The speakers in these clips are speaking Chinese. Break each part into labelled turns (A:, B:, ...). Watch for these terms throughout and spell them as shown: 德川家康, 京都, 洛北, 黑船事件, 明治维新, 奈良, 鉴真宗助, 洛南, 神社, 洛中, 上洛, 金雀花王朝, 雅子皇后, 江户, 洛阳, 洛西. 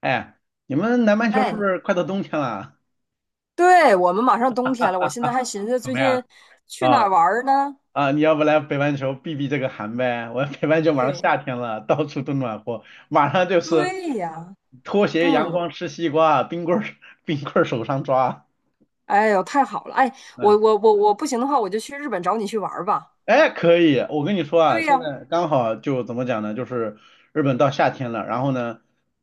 A: 哎，你们南半球是不
B: 哎，
A: 是快到冬天了？
B: 对，我们马上冬天了，我现在还寻思
A: 怎
B: 最
A: 么样？
B: 近去哪
A: 啊
B: 儿玩儿呢？
A: 你要不来北半球避避这个寒呗？我北半球马上
B: 对，
A: 夏天了，到处都暖和，马上就是
B: 对呀，
A: 拖鞋、阳
B: 嗯，
A: 光、吃西瓜，冰棍儿、冰棍儿手上抓。
B: 哎呦，太好了，哎，我
A: 嗯。
B: 我我我不行的话，我就去日本找你去玩儿吧。
A: 哎，可以，我跟你说啊，
B: 对
A: 现
B: 呀，
A: 在刚好就怎么讲呢？就是日本到夏天了，然后呢，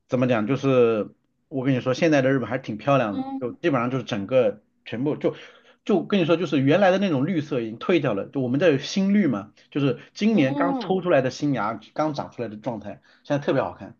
A: 怎么讲？就是我跟你说，现在的日本还是挺漂亮的，
B: 嗯
A: 就基本上就是整个全部就跟你说，就是原来的那种绿色已经退掉了，就我们这有新绿嘛，就是今年刚抽
B: 嗯
A: 出来的新芽，刚长出来的状态，现在特别好看。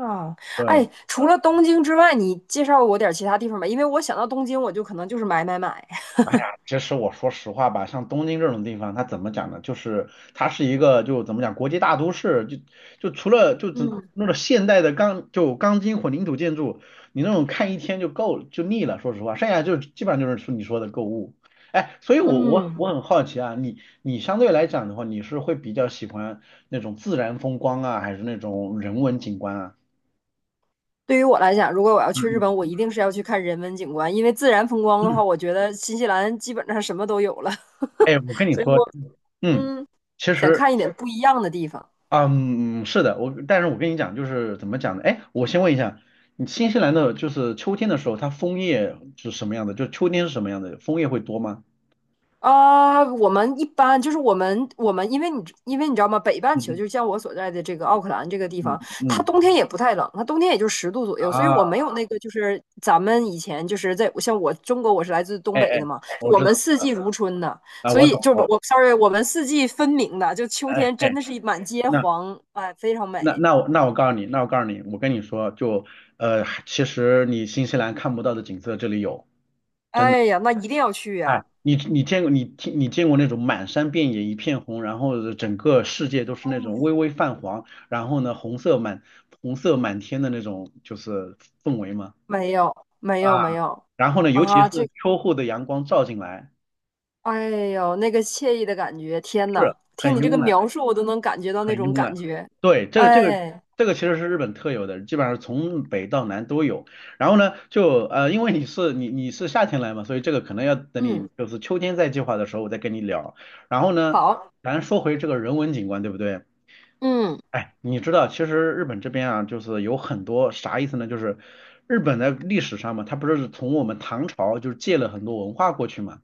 B: 啊，
A: 对，
B: 哎，除了东京之外，你介绍我点儿其他地方吧，因为我想到东京，我就可能就是买买买。
A: 哎呀，其实我说实话吧，像东京这种地方，它怎么讲呢？就是它是一个就怎么讲国际大都市，就除了就怎
B: 嗯
A: 那种现代的钢筋混凝土建筑，你那种看一天就腻了。说实话，剩下就基本上就是说你说的购物。哎，所以我我
B: 嗯，
A: 我很好奇啊，你相对来讲的话，你是会比较喜欢那种自然风光啊，还是那种人文景观啊？
B: 对于我来讲，如果我要去日本，我
A: 嗯
B: 一定是要去看人文景观，因为自然风光
A: 嗯
B: 的话，
A: 嗯，
B: 我觉得新西兰基本上什么都有了。
A: 哎，我跟你
B: 所以
A: 说，
B: 我
A: 嗯，
B: 嗯，
A: 其
B: 想
A: 实。
B: 看一点不一样的地方
A: 嗯，是的，但是我跟你讲，就是怎么讲呢？哎，我先问一下，你新西兰的就是秋天的时候，它枫叶是什么样的？就秋天是什么样的？枫叶会多吗？
B: 啊。我们一般就是我们，因为你知道吗？北半球
A: 嗯
B: 就像我所在的这个奥克兰这个地
A: 嗯
B: 方，
A: 嗯
B: 它
A: 嗯
B: 冬天也不太冷，它冬天也就10度左右，所以
A: 啊，
B: 我没有那个就是咱们以前就是在像我中国，我是来自东
A: 哎
B: 北
A: 哎，
B: 的嘛，
A: 我
B: 我
A: 知道
B: 们四季如春的，
A: 啊，
B: 所
A: 我
B: 以
A: 懂，
B: 就是我 sorry，我们四季分明的，就秋
A: 哎
B: 天真
A: 哎，
B: 的是满街
A: 那
B: 黄，哎，非常
A: 那
B: 美。
A: 那我那我告诉你，那我告诉你，我跟你说，就其实你新西兰看不到的景色这里有。真的。
B: 哎呀，那一定要去
A: 哎，
B: 呀！
A: 你见过那种满山遍野一片红，然后整个世界都是那种微微泛黄，然后呢红色满天的那种就是氛围吗？
B: 没有没有
A: 啊，
B: 没有
A: 然后呢，尤其
B: 啊，
A: 是秋后的阳光照进来，
B: 哎呦，那个惬意的感觉，天呐，
A: 是
B: 听
A: 很
B: 你这个
A: 慵懒。
B: 描述，我都能感觉到那
A: 很
B: 种
A: 慵
B: 感
A: 懒。
B: 觉。
A: 对，这个这个
B: 哎，
A: 这个其实是日本特有的，基本上从北到南都有。然后呢，就因为你是夏天来嘛，所以这个可能要等你
B: 嗯，
A: 就是秋天再计划的时候，我再跟你聊。然后呢，
B: 好，
A: 咱说回这个人文景观，对不对？
B: 嗯
A: 哎，你知道，其实日本这边啊，就是有很多啥意思呢？就是日本在历史上嘛，它不是从我们唐朝就是借了很多文化过去嘛。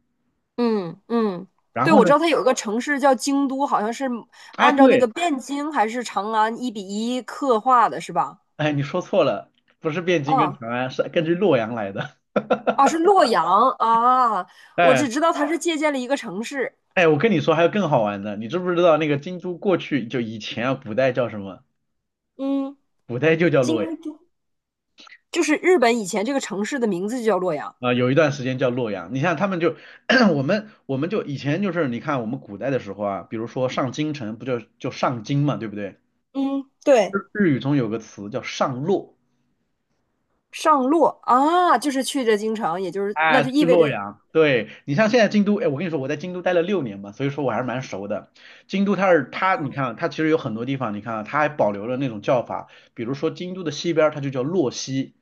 B: 嗯嗯，
A: 然
B: 对，
A: 后
B: 我
A: 呢，
B: 知道它有一个城市叫京都，好像是
A: 哎，
B: 按照那
A: 对，
B: 个汴京还是长安1:1刻画的，是吧？
A: 哎，你说错了，不是汴京跟
B: 啊
A: 长安，是根据洛阳来的。
B: 啊，是洛阳啊，我
A: 哎
B: 只知道它是借鉴了一个城市，
A: 哎，我跟你说，还有更好玩的，你知不知道那个京都过去就以前啊，古代叫什么？
B: 嗯，
A: 古代就叫洛阳
B: 京都，就是日本以前这个城市的名字就叫洛阳。
A: 啊，有一段时间叫洛阳。你像他们就 我们就以前就是你看我们古代的时候啊，比如说上京城不就就上京嘛，对不对？
B: 嗯，
A: 日
B: 对。
A: 日语中有个词叫上洛。
B: 上洛啊，就是去这京城，也就是那
A: 哎，
B: 就
A: 去
B: 意味
A: 洛
B: 着
A: 阳，对你像现在京都，哎，我跟你说，我在京都待了6年嘛，所以说我还是蛮熟的。京都它，你看啊它其实有很多地方，你看啊它还保留了那种叫法，比如说京都的西边儿它就叫洛西，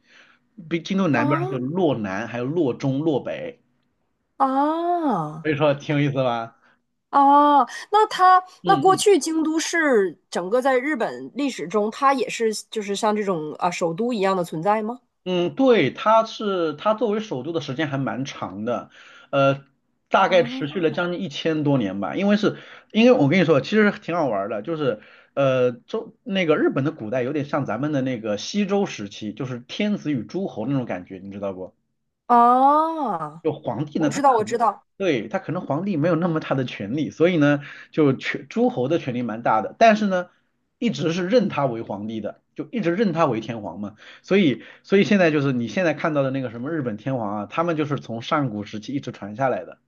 A: 比京都南边儿它叫
B: 啊
A: 洛南，还有洛中、洛北，
B: 啊
A: 所以说挺有意思吧？
B: 啊，那它那
A: 嗯
B: 过
A: 嗯
B: 去京都市整个在日本历史中，它也是就是像这种啊首都一样的存在吗？
A: 嗯，对，它作为首都的时间还蛮长的，呃，大
B: 啊
A: 概持续了将近1000多年吧。因为我跟你说，其实挺好玩儿的，就是那个日本的古代有点像咱们的那个西周时期，就是天子与诸侯那种感觉，你知道不？
B: 啊，
A: 就皇帝
B: 我
A: 呢，他
B: 知道
A: 可
B: 我知
A: 能
B: 道
A: 对，他可能皇帝没有那么大的权力，所以呢，就权诸侯的权力蛮大的，但是呢，一直是认他为皇帝的，就一直认他为天皇嘛。所以现在就是你现在看到的那个什么日本天皇啊，他们就是从上古时期一直传下来的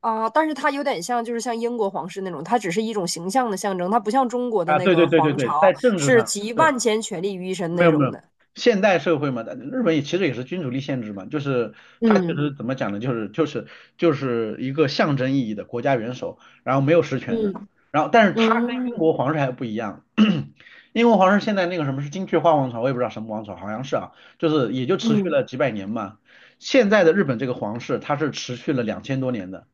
B: 啊，但是它有点像就是像英国皇室那种，它只是一种形象的象征，它不像中国的
A: 啊。
B: 那
A: 对对
B: 个
A: 对对
B: 皇
A: 对，
B: 朝
A: 在政治
B: 是
A: 上。
B: 集
A: 对。
B: 万千权力于一身
A: 没
B: 那
A: 有
B: 种
A: 没有，
B: 的。
A: 现代社会嘛，但日本也其实也是君主立宪制嘛，就是它其
B: 嗯
A: 实怎么讲呢，就是一个象征意义的国家元首，然后没有实权的，
B: 嗯
A: 然后但是它跟英
B: 嗯
A: 国皇室还不一样，英国皇室现在那个什么是金雀花王朝，我也不知道什么王朝，好像是啊，就是也就持续
B: 嗯，
A: 了几百年嘛，现在的日本这个皇室它是持续了2000多年的，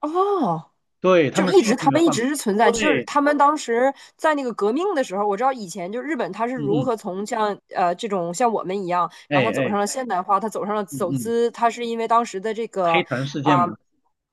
B: 哦
A: 对，他
B: 就是
A: 们
B: 一
A: 是一
B: 直
A: 直
B: 他
A: 没有
B: 们一
A: 换嘛，
B: 直是存在，就是
A: 对，
B: 他们当时在那个革命的时候，我知道以前就日本他是如
A: 嗯嗯，
B: 何从像这种像我们一样，
A: 哎
B: 然后他走
A: 哎，
B: 上了现代化，他走上了
A: 嗯
B: 走
A: 嗯，
B: 资，他是因为当时的这
A: 黑
B: 个
A: 船事件
B: 啊、
A: 嘛，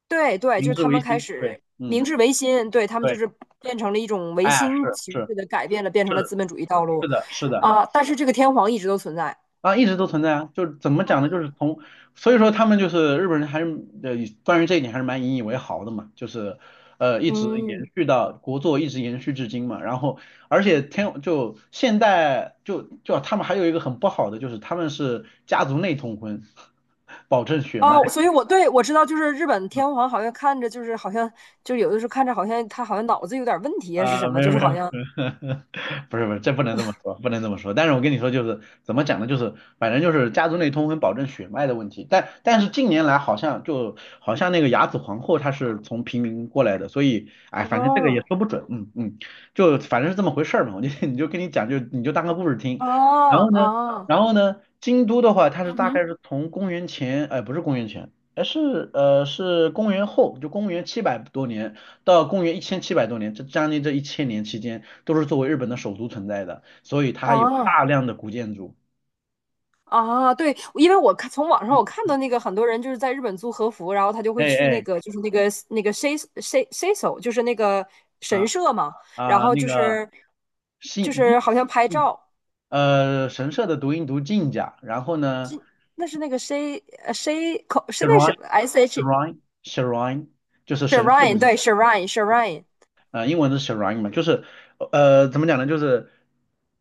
B: 对对，
A: 明
B: 就是
A: 治
B: 他
A: 维
B: 们开
A: 新，对，
B: 始明
A: 嗯。
B: 治维新，对他们就
A: 对。
B: 是变成了一种维
A: 哎，
B: 新
A: 是
B: 形
A: 是
B: 式的改变了，变成了
A: 是，
B: 资本主义道
A: 是
B: 路
A: 的，是的，
B: 啊、但是这个天皇一直都存在，
A: 啊，一直都存在啊，就是怎么讲呢？就是从，所以说他们就是日本人还是呃，关于这一点还是蛮引以为豪的嘛，就是一直延
B: 嗯。
A: 续到一直延续至今嘛。然后，而且现代他们还有一个很不好的就是他们是家族内通婚，保证血脉。
B: 哦，所以我对我知道，就是日本天皇好像看着就是好像就有的时候看着好像他好像脑子有点问题啊是
A: 啊，
B: 什么，
A: 没有
B: 就是
A: 没有
B: 好
A: 没有，
B: 像
A: 不是不是，这不能这么说，不能这么说。但是我跟你说，就是怎么讲呢？就是反正就是家族内通婚保证血脉的问题。但是近年来好像那个雅子皇后她是从平民过来的，所以哎，反正这个也
B: 哦
A: 说不准，嗯嗯，就反正是这么回事儿嘛。我就 你就跟你讲，就你就当个故事听。然
B: 哦
A: 后呢，
B: 哦
A: 京都的话，它是
B: 嗯
A: 大概
B: 哼，
A: 是从公元前，哎，不是公元前，哎，是公元后，就公元七百多年。到公元一千七百多年，这将近这1000年期间，都是作为日本的首都存在的，所以它还有
B: 哦
A: 大量的古建筑。
B: 哦，对，因为我看从网上我看到那个很多人就是在日本租和服，然后他就会
A: 哎
B: 去那
A: 哎，
B: 个就是那个那个 sei s s e s o 就是那个神
A: 啊
B: 社嘛，然后
A: 那
B: 就
A: 个
B: 是
A: 信
B: 就是好像拍
A: 嗯
B: 照，
A: 神社的读音读进甲，然后呢
B: 那是那个 sei s e 口是那什
A: shrine
B: 么 s h
A: shrine shrine 就是神社的
B: shrine
A: 名字
B: 对 shrine shrine。
A: 啊、英文是 s h a r i n 嘛，就是怎么讲呢？就是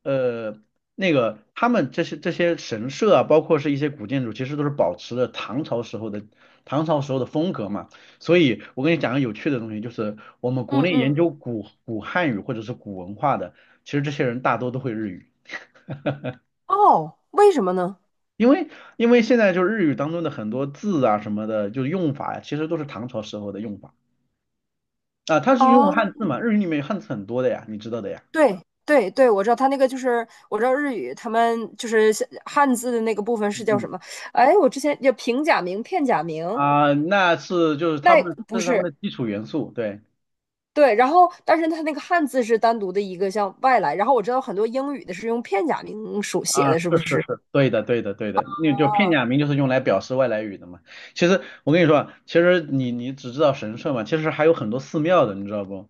A: 呃，那个他们这些神社啊，包括是一些古建筑，其实都是保持了唐朝时候的风格嘛。所以我跟你讲个有趣的东西，就是我们国
B: 嗯
A: 内研
B: 嗯，
A: 究古汉语或者是古文化的，其实这些人大多都会日语，
B: 哦，为什么呢？
A: 因为因为现在就是日语当中的很多字啊什么的，就是用法呀，其实都是唐朝时候的用法啊、它是用
B: 啊，
A: 汉字嘛，日语里面有汉字很多的呀，你知道的呀。
B: 对对对，我知道他那个就是，我知道日语他们就是像汉字的那个部分是
A: 嗯
B: 叫
A: 嗯
B: 什么？哎，我之前叫平假名、片假名，
A: 啊，那是就是他
B: 那
A: 们这
B: 不
A: 是他们
B: 是
A: 的基础元素，对，
B: 对。然后，但是他那个汉字是单独的一个像外来。然后我知道很多英语的是用片假名书写
A: 啊，
B: 的，是不
A: 是是
B: 是？
A: 是，对的对的对的，那就片假名就是用来表示外来语的嘛。其实我跟你说啊其实你只知道神社嘛，其实还有很多寺庙的，你知道不？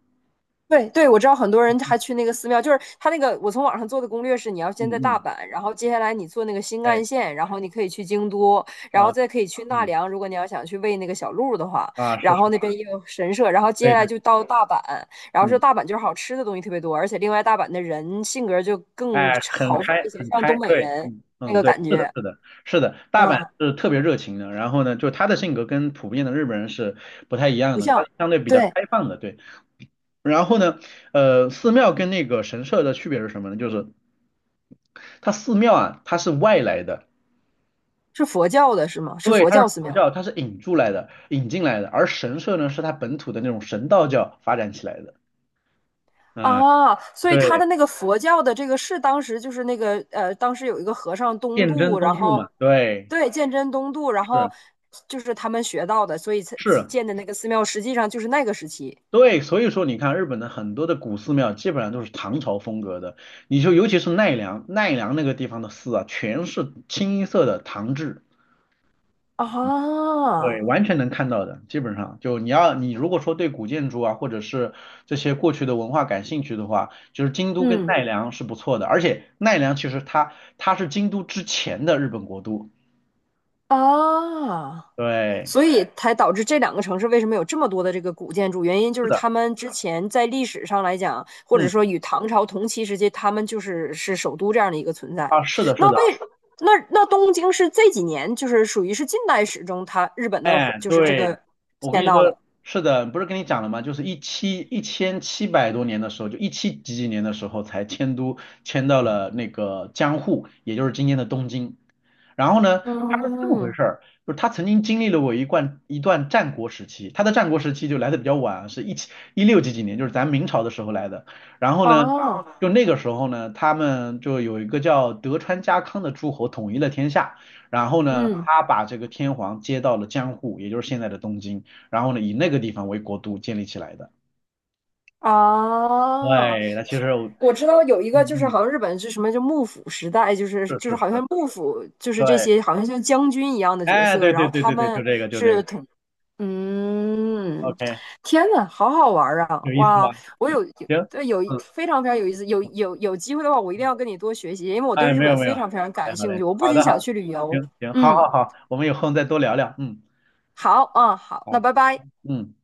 B: 对对，我知道很多人还去那个寺庙，就是他那个我从网上做的攻略是，你要先在
A: 嗯
B: 大
A: 嗯，
B: 阪，然后接下来你坐那个新
A: 哎
B: 干线，然后你可以去京都，然后
A: 啊
B: 再可以去奈
A: 嗯
B: 良，如果你要想去喂那个小鹿的话，
A: 啊是
B: 然
A: 是，
B: 后那边也有神社，然后接
A: 对
B: 下来
A: 对
B: 就到大阪，然后说
A: 嗯
B: 大阪就是好吃的东西特别多，而且另外大阪的人性格就更
A: 哎
B: 豪
A: 很
B: 放
A: 开
B: 一些，
A: 很
B: 像
A: 开，
B: 东北
A: 对
B: 人
A: 嗯
B: 那
A: 嗯
B: 个
A: 对，
B: 感
A: 是的
B: 觉，
A: 是的是的，大阪
B: 嗯，
A: 是特别热情的，然后呢，就他的性格跟普遍的日本人是不太一样
B: 不
A: 的，他
B: 像，
A: 是相对比较
B: 对，
A: 开放的，对。然后呢，寺庙跟那个神社的区别是什么呢？就是它寺庙啊，它是外来的，
B: 是佛教的是吗？是
A: 对，
B: 佛
A: 它是
B: 教寺
A: 佛
B: 庙，
A: 教，它是引入来的、引进来的，而神社呢，是它本土的那种神道教发展起来的。嗯，
B: 啊，所以他
A: 对，
B: 的那个佛教的这个是当时就是那个，当时有一个和尚东
A: 鉴真
B: 渡，然
A: 宗助
B: 后
A: 嘛，对，
B: 对鉴真东渡，然后
A: 是
B: 就是他们学到的，所以才
A: 是，
B: 建的那个寺庙实际上就是那个时期
A: 对，所以说你看日本的很多的古寺庙基本上都是唐朝风格的，你就尤其是奈良，奈良那个地方的寺啊，全是清一色的唐制。
B: 啊，
A: 对，完全能看到的，基本上就你如果说对古建筑啊，或者是这些过去的文化感兴趣的话，就是京都跟奈
B: 嗯，
A: 良是不错的，而且奈良其实它是京都之前的日本国都，
B: 啊。
A: 对，
B: 所以才导致这两个城市为什么有这么多的这个古建筑？原因就
A: 是
B: 是
A: 的，
B: 他们之前在历史上来讲，或者
A: 嗯，
B: 说与唐朝同期时期，他们就是是首都这样的一个存在。
A: 啊，是的，是
B: 那
A: 的。
B: 为那那东京是这几年就是属于是近代史中它日本的
A: 哎，
B: 就是这
A: 对，
B: 个
A: 我跟
B: 迁
A: 你
B: 到的。
A: 说，是的，不是跟你讲了吗？就是一千七百多年的时候，就一七几几年的时候才迁到了那个江户，也就是今天的东京。然后呢，他是这么回
B: 嗯，
A: 事儿，就是他曾经经历了我一段一段战国时期，他的战国时期就来的比较晚，是一六几几年，就是咱明朝的时候来的。然后呢，
B: 哦，
A: 就那个时候呢，他们就有一个叫德川家康的诸侯统一了天下。然后呢，
B: 嗯，
A: 他把这个天皇接到了江户，也就是现在的东京，然后呢，以那个地方为国都建立起来的。
B: 啊。
A: 对，那其实我
B: 我知道有一个就
A: 嗯
B: 是
A: 嗯，
B: 好像日本是什么就幕府时代，就是
A: 是
B: 就是
A: 是
B: 好
A: 是，
B: 像幕府就是这
A: 对，
B: 些好像像将军一样的角
A: 哎，
B: 色，
A: 对
B: 然后
A: 对对
B: 他
A: 对对，就
B: 们
A: 这个就这
B: 是
A: 个
B: 统，嗯，
A: ，OK，
B: 天呐，好好玩儿啊！
A: 有意思吗？
B: 哇，我
A: 行，
B: 对
A: 嗯，
B: 非常非常有意思，有机会的话，我一定要跟你多学习，因为我对
A: 哎，
B: 日
A: 没
B: 本
A: 有没
B: 非
A: 有，好
B: 常非常
A: 嘞
B: 感
A: 好
B: 兴趣，
A: 嘞，
B: 我不
A: 好
B: 仅
A: 的
B: 想
A: 好的，
B: 去旅游，
A: 行行，好
B: 嗯，
A: 好好，我们有空再多聊聊，嗯，
B: 好，嗯，好，那
A: 好，
B: 拜拜。
A: 嗯。